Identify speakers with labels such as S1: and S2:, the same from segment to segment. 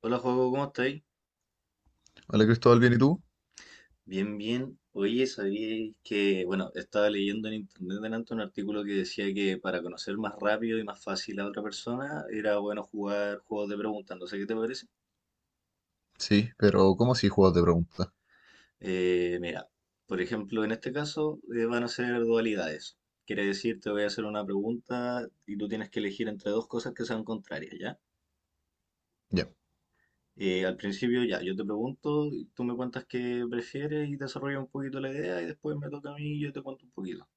S1: Hola, juego, ¿cómo estáis?
S2: Hola Cristóbal, ¿bien y tú?
S1: Bien, bien. Oye, sabíais que, bueno, estaba leyendo en internet delante un artículo que decía que para conocer más rápido y más fácil a otra persona era bueno jugar juegos de preguntas. No sé qué te parece.
S2: Sí, pero ¿cómo si juegos de pregunta?
S1: Mira, por ejemplo, en este caso van a ser dualidades. Quiere decir, te voy a hacer una pregunta y tú tienes que elegir entre dos cosas que sean contrarias, ¿ya?
S2: Ya,
S1: Al principio, ya, yo te pregunto, y tú me cuentas qué prefieres y desarrollas un poquito la idea y después me toca a mí y yo te cuento un poquito.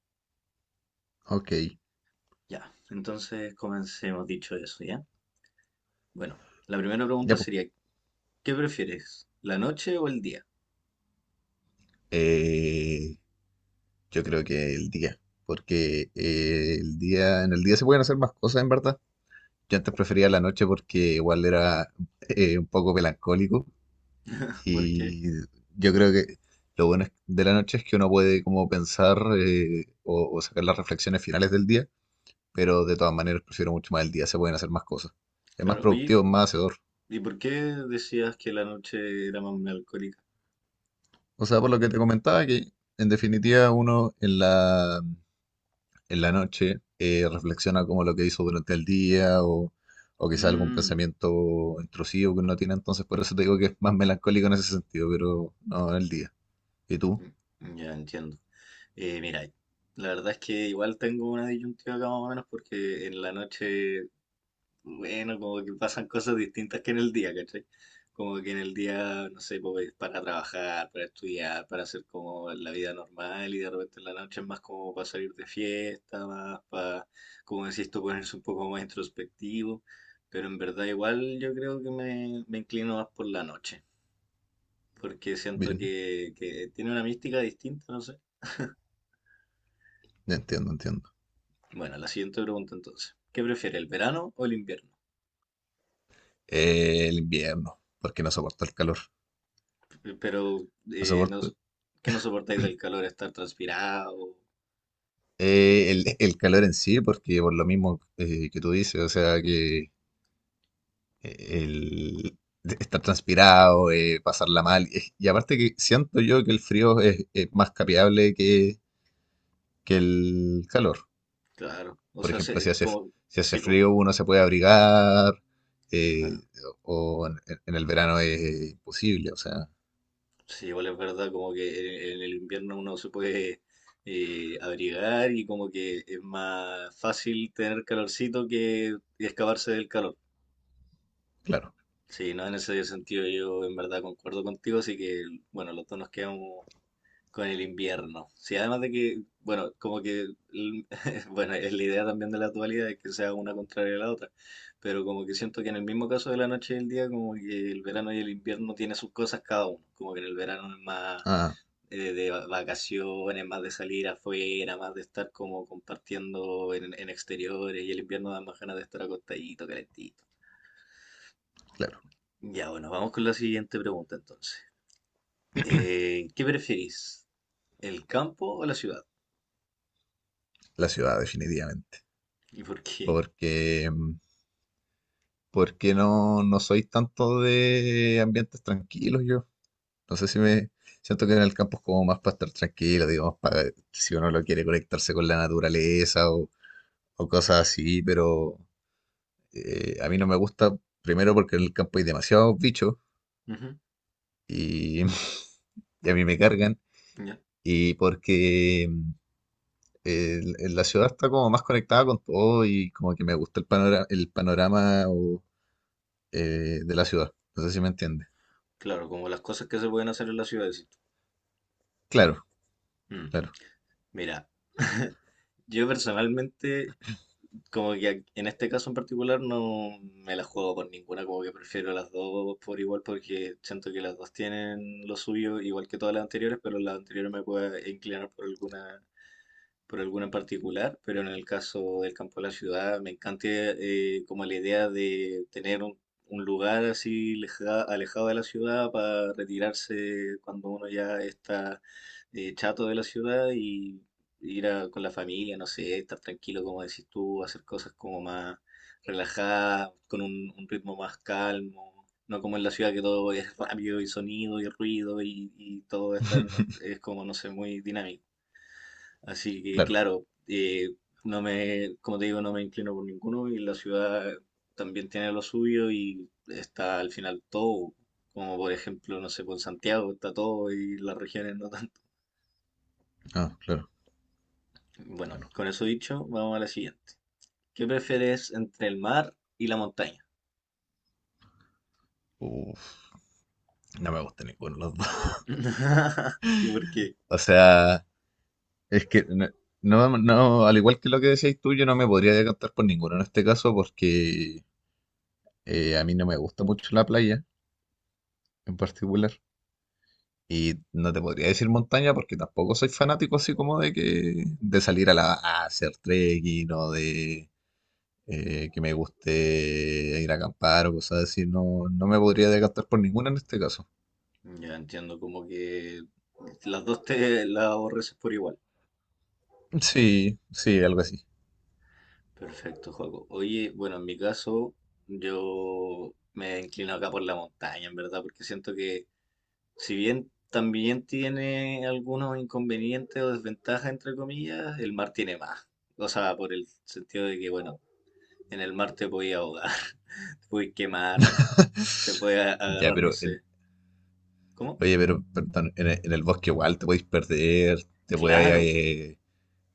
S2: ok.
S1: Ya, entonces comencemos dicho eso, ¿ya? Bueno, la primera pregunta
S2: Ya, pues.
S1: sería, ¿qué prefieres, la noche o el día?
S2: Eh, yo creo que el día. Porque el día, en el día se pueden hacer más cosas, en verdad. Yo antes prefería la noche porque igual era un poco melancólico.
S1: ¿Por qué?
S2: Y yo creo que de la noche es que uno puede como pensar o sacar las reflexiones finales del día. Pero de todas maneras prefiero mucho más el día, se pueden hacer más cosas. Es más
S1: Claro, oye,
S2: productivo, es más hacedor.
S1: ¿y por qué decías que la noche era más melancólica?
S2: O sea, por lo que te comentaba, que en definitiva en la noche reflexiona como lo que hizo durante el día o quizá algún
S1: Mm,
S2: pensamiento intrusivo que uno tiene, entonces por eso te digo que es más melancólico en ese sentido, pero no en el día. ¿Y tú?
S1: mm, ya entiendo. Mira, la verdad es que igual tengo una disyuntiva acá más o menos porque en la noche, bueno, como que pasan cosas distintas que en el día, ¿cachai? Como que en el día, no sé, pues es para trabajar, para estudiar, para hacer como la vida normal, y de repente en la noche es más como para salir de fiesta, más para, como decís tú, ponerse un poco más introspectivo. Pero en verdad igual yo creo que me inclino más por la noche, porque siento
S2: Bien,
S1: que tiene una mística distinta, no sé.
S2: ya entiendo, entiendo.
S1: Bueno, la siguiente pregunta entonces. ¿Qué prefiere, el verano o el invierno?
S2: El invierno, porque no soporto el calor.
S1: Pero
S2: No
S1: no,
S2: soporto
S1: que no soportáis del calor, estar transpirado,
S2: el calor en sí, porque por lo mismo que tú dices, o sea, que el de estar transpirado, pasarla mal. Y aparte que siento yo que es más capeable que el calor.
S1: claro. O
S2: Por
S1: sea,
S2: ejemplo,
S1: como,
S2: si hace
S1: sí, po,
S2: frío uno se puede abrigar,
S1: claro.
S2: eh, o en el verano es imposible, o sea,
S1: Sí, igual es verdad, como que en el invierno uno se puede abrigar, y como que es más fácil tener calorcito que escaparse del calor.
S2: claro.
S1: Sí, no, en ese sentido yo en verdad concuerdo contigo, así que bueno, los dos nos quedamos con el invierno. Sí, además de que, bueno, como que, el- bueno, es la idea también de la actualidad, es que sea una contraria a la otra, pero como que siento que en el mismo caso de la noche y el día, como que el verano y el invierno tiene sus cosas cada uno, como que en el verano es más
S2: Ah,
S1: vacaciones, más de salir afuera, más de estar como compartiendo en exteriores, y el invierno da más ganas de estar acostadito, calentito.
S2: claro,
S1: Ya, bueno, vamos con la siguiente pregunta entonces. ¿Qué preferís? ¿El campo o la ciudad?
S2: la ciudad definitivamente.
S1: ¿Y por qué?
S2: Porque, mm, porque no soy tanto de ambientes tranquilos yo. No sé si me siento que en el campo es como más para estar tranquilo, digamos, para si uno lo quiere conectarse con la naturaleza o cosas así, pero a mí no me gusta, primero porque en el campo hay demasiados bichos
S1: Ujú,
S2: y, y a mí me cargan,
S1: ya.
S2: y porque en la ciudad está como más conectada con todo y como que me gusta el panorama de la ciudad. No sé si me entiende.
S1: Claro, como las cosas que se pueden hacer en la ciudad, decís tú.
S2: Claro,
S1: Mm,
S2: claro,
S1: mira, yo personalmente, como que en este caso en particular, no me la juego con ninguna, como que prefiero las dos por igual, porque siento que las dos tienen lo suyo, igual que todas las anteriores, pero las anteriores me puedo inclinar por alguna, por alguna en particular, pero en el caso del campo de la ciudad me encanta como la idea de tener un lugar así alejado de la ciudad para retirarse cuando uno ya está chato de la ciudad, y con la familia, no sé, estar tranquilo como decís tú, hacer cosas como más relajadas, con un ritmo más calmo. No como en la ciudad, que todo es rápido y sonido y ruido y todo está, es como, no sé, muy dinámico. Así que,
S2: claro,
S1: claro, no me, como te digo, no me inclino por ninguno, y la ciudad también tiene lo suyo y está al final todo, como por ejemplo, no sé, por Santiago está todo y las regiones no tanto.
S2: ah, claro,
S1: Bueno,
S2: claro.
S1: con eso dicho, vamos a la siguiente. ¿Qué prefieres entre el mar y la montaña?
S2: Uf. No me gusta ninguno de los dos.
S1: ¿Y por qué?
S2: O sea, es que no, al igual que lo que decías tú, yo no me podría decantar por ninguno en este caso porque a mí no me gusta mucho la playa en particular. Y no te podría decir montaña porque tampoco soy fanático así como de que de salir a, la, a hacer trekking o de que me guste ir a acampar o cosas así. No, no me podría decantar por ninguna en este caso.
S1: Ya entiendo, como que las dos te las aborreces por igual.
S2: Sí, sí, algo así.
S1: Perfecto, Joaco. Oye, bueno, en mi caso, yo me inclino acá por la montaña, en verdad, porque siento que si bien también tiene algunos inconvenientes o desventajas, entre comillas, el mar tiene más. O sea, por el sentido de que, bueno, en el mar te puedes ahogar, te puedes quemar, te puedes
S2: Ya,
S1: agarrar, no
S2: pero
S1: sé. ¿Cómo?
S2: oye, pero perdón, en en el bosque igual te podéis perder, te
S1: Claro.
S2: puede, eh,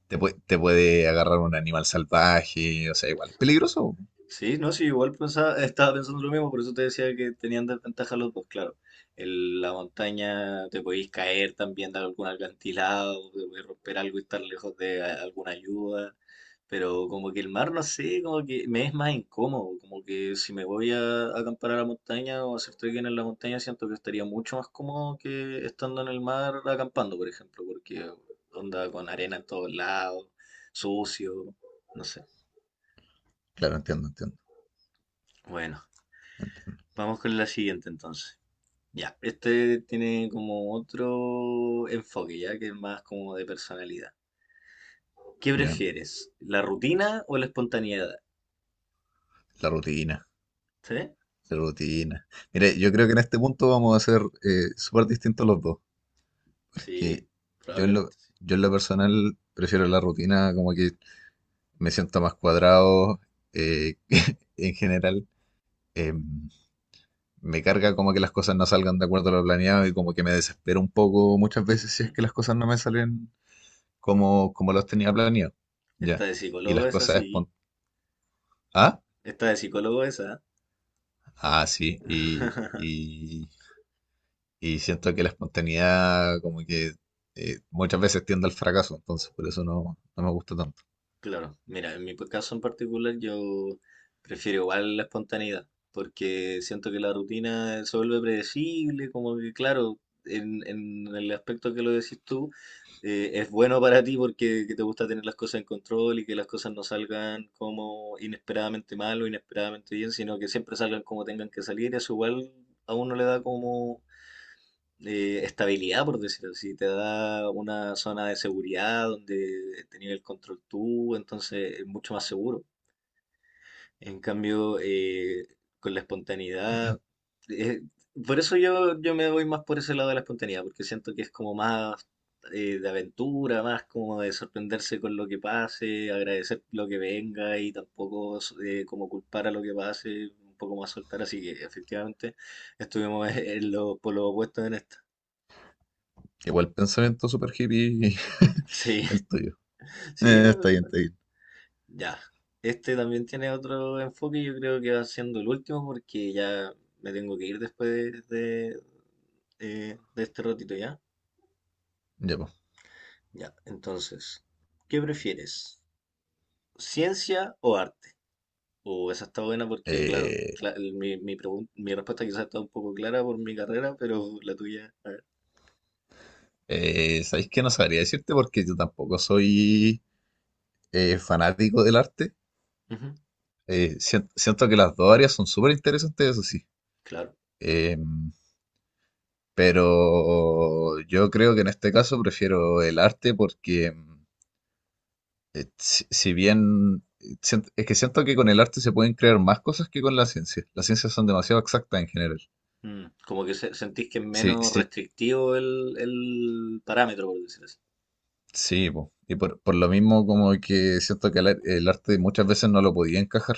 S2: te puede agarrar un animal salvaje, o sea, igual es peligroso.
S1: Sí, no, sí, igual estaba pensando lo mismo, por eso te decía que tenían desventaja los dos, claro. En la montaña te podéis caer también de algún alcantilado, te podéis romper algo y estar lejos de alguna ayuda, pero como que el mar, no sé, como que me es más incómodo, como que si me voy a acampar a la montaña o a hacer trekking en la montaña, siento que estaría mucho más cómodo que estando en el mar acampando, por ejemplo, porque onda con arena en todos lados, sucio, no sé.
S2: Claro, entiendo, entiendo,
S1: Bueno,
S2: entiendo.
S1: vamos con la siguiente entonces. Ya, este tiene como otro enfoque, ya que es más como de personalidad. ¿Qué
S2: Ya,
S1: prefieres, la rutina o la espontaneidad?
S2: la rutina,
S1: ¿Sí?
S2: la rutina. Mire, yo creo que en este punto vamos a ser súper distintos los dos, porque
S1: Sí,
S2: yo en lo,
S1: probablemente sí.
S2: yo en lo personal prefiero la rutina, como que me siento más cuadrado eh, en general. em, Me carga como que las cosas no salgan de acuerdo a lo planeado y como que me desespero un poco muchas veces si es que las cosas no me salen como, como los tenía planeado.
S1: Esta
S2: Ya.
S1: de
S2: Y las
S1: psicólogo es
S2: cosas
S1: así.
S2: espon- Ah,
S1: Esta de psicólogo esa.
S2: sí. Y siento que la espontaneidad como que muchas veces tiende al fracaso, entonces por eso no, no me gusta tanto.
S1: Claro, mira, en mi caso en particular yo prefiero igual la espontaneidad, porque siento que la rutina se vuelve predecible, como que claro, en el aspecto que lo decís tú, es bueno para ti porque que te gusta tener las cosas en control y que las cosas no salgan como inesperadamente mal o inesperadamente bien, sino que siempre salgan como tengan que salir, eso igual a uno le da como estabilidad, por decirlo así. Te da una zona de seguridad donde tenías el control tú, entonces es mucho más seguro. En cambio, con la espontaneidad, eh, por eso yo me voy más por ese lado de la espontaneidad, porque siento que es como más de aventura, más como de sorprenderse con lo que pase, agradecer lo que venga, y tampoco como culpar a lo que pase, un poco más soltar. Así que efectivamente estuvimos en los polos opuestos en esta.
S2: Igual pensamiento super hippie
S1: Sí.
S2: el tuyo.
S1: Sí, no, pero
S2: Está bien,
S1: bueno,
S2: está bien.
S1: ya. Este también tiene otro enfoque y yo creo que va siendo el último porque ya me tengo que ir después de de este ratito ya.
S2: Ya, pues.
S1: Ya, entonces, ¿qué prefieres? ¿Ciencia o arte? O esa está buena porque, claro,
S2: Eh,
S1: mi respuesta quizás está un poco clara por mi carrera, pero la tuya, a ver.
S2: ¿Sabéis qué? No sabría decirte porque yo tampoco soy fanático del arte.
S1: Ujú,
S2: Siento que las dos áreas son súper interesantes, eso sí.
S1: claro.
S2: Eh, pero yo creo que en este caso prefiero el arte porque si bien es que siento que con el arte se pueden crear más cosas que con la ciencia. Las ciencias son demasiado exactas en general.
S1: Mm, como que sentís que es
S2: Sí,
S1: menos
S2: sí,
S1: restrictivo el parámetro, por decirlo así.
S2: sí, po. Y por lo mismo como que siento que el arte muchas veces no lo podía encajar.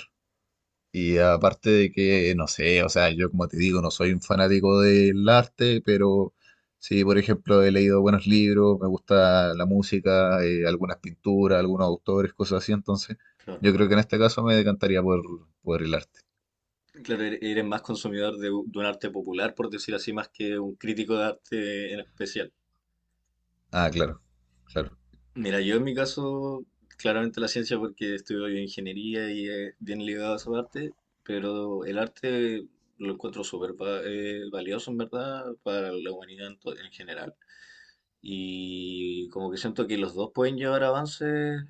S2: Y aparte de que, no sé, o sea, yo como te digo, no soy un fanático del arte, pero sí, por ejemplo, he leído buenos libros, me gusta la música, algunas pinturas, algunos autores, cosas así, entonces
S1: Claro.
S2: yo creo que en este caso por el arte.
S1: Claro, eres más consumidor de un arte popular, por decir así, más que un crítico de arte en especial.
S2: Ah, claro, claro.
S1: Mira, yo en mi caso, claramente la ciencia porque estudio ingeniería y es bien ligado a su arte, pero el arte lo encuentro súper valioso en verdad para la humanidad en general. Y como que siento que los dos pueden llevar avances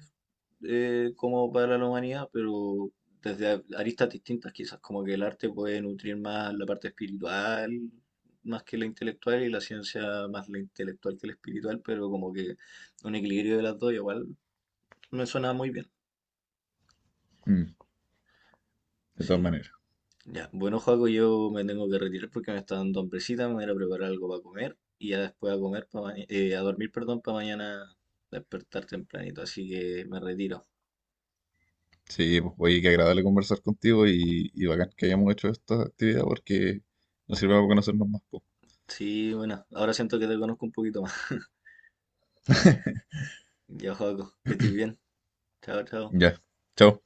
S1: como para la humanidad, pero desde aristas distintas quizás, como que el arte puede nutrir más la parte espiritual, más que la intelectual, y la ciencia más la intelectual que la espiritual, pero como que un equilibrio de las dos igual me suena muy bien.
S2: Mm, de todas
S1: Sí,
S2: maneras.
S1: ya. Bueno, Joaco, yo me tengo que retirar porque me está dando hambrecita, me voy a ir a preparar algo para comer y ya después a comer a dormir, perdón, para mañana despertar tempranito, así que me retiro.
S2: Sí, pues oye, qué agradable conversar contigo y bacán que hayamos hecho esta actividad porque nos sirve para conocernos más. Po.
S1: Sí, bueno, ahora siento que te conozco un poquito más. Yo, juego, que estoy bien. Chao, chao.
S2: Ya, chao.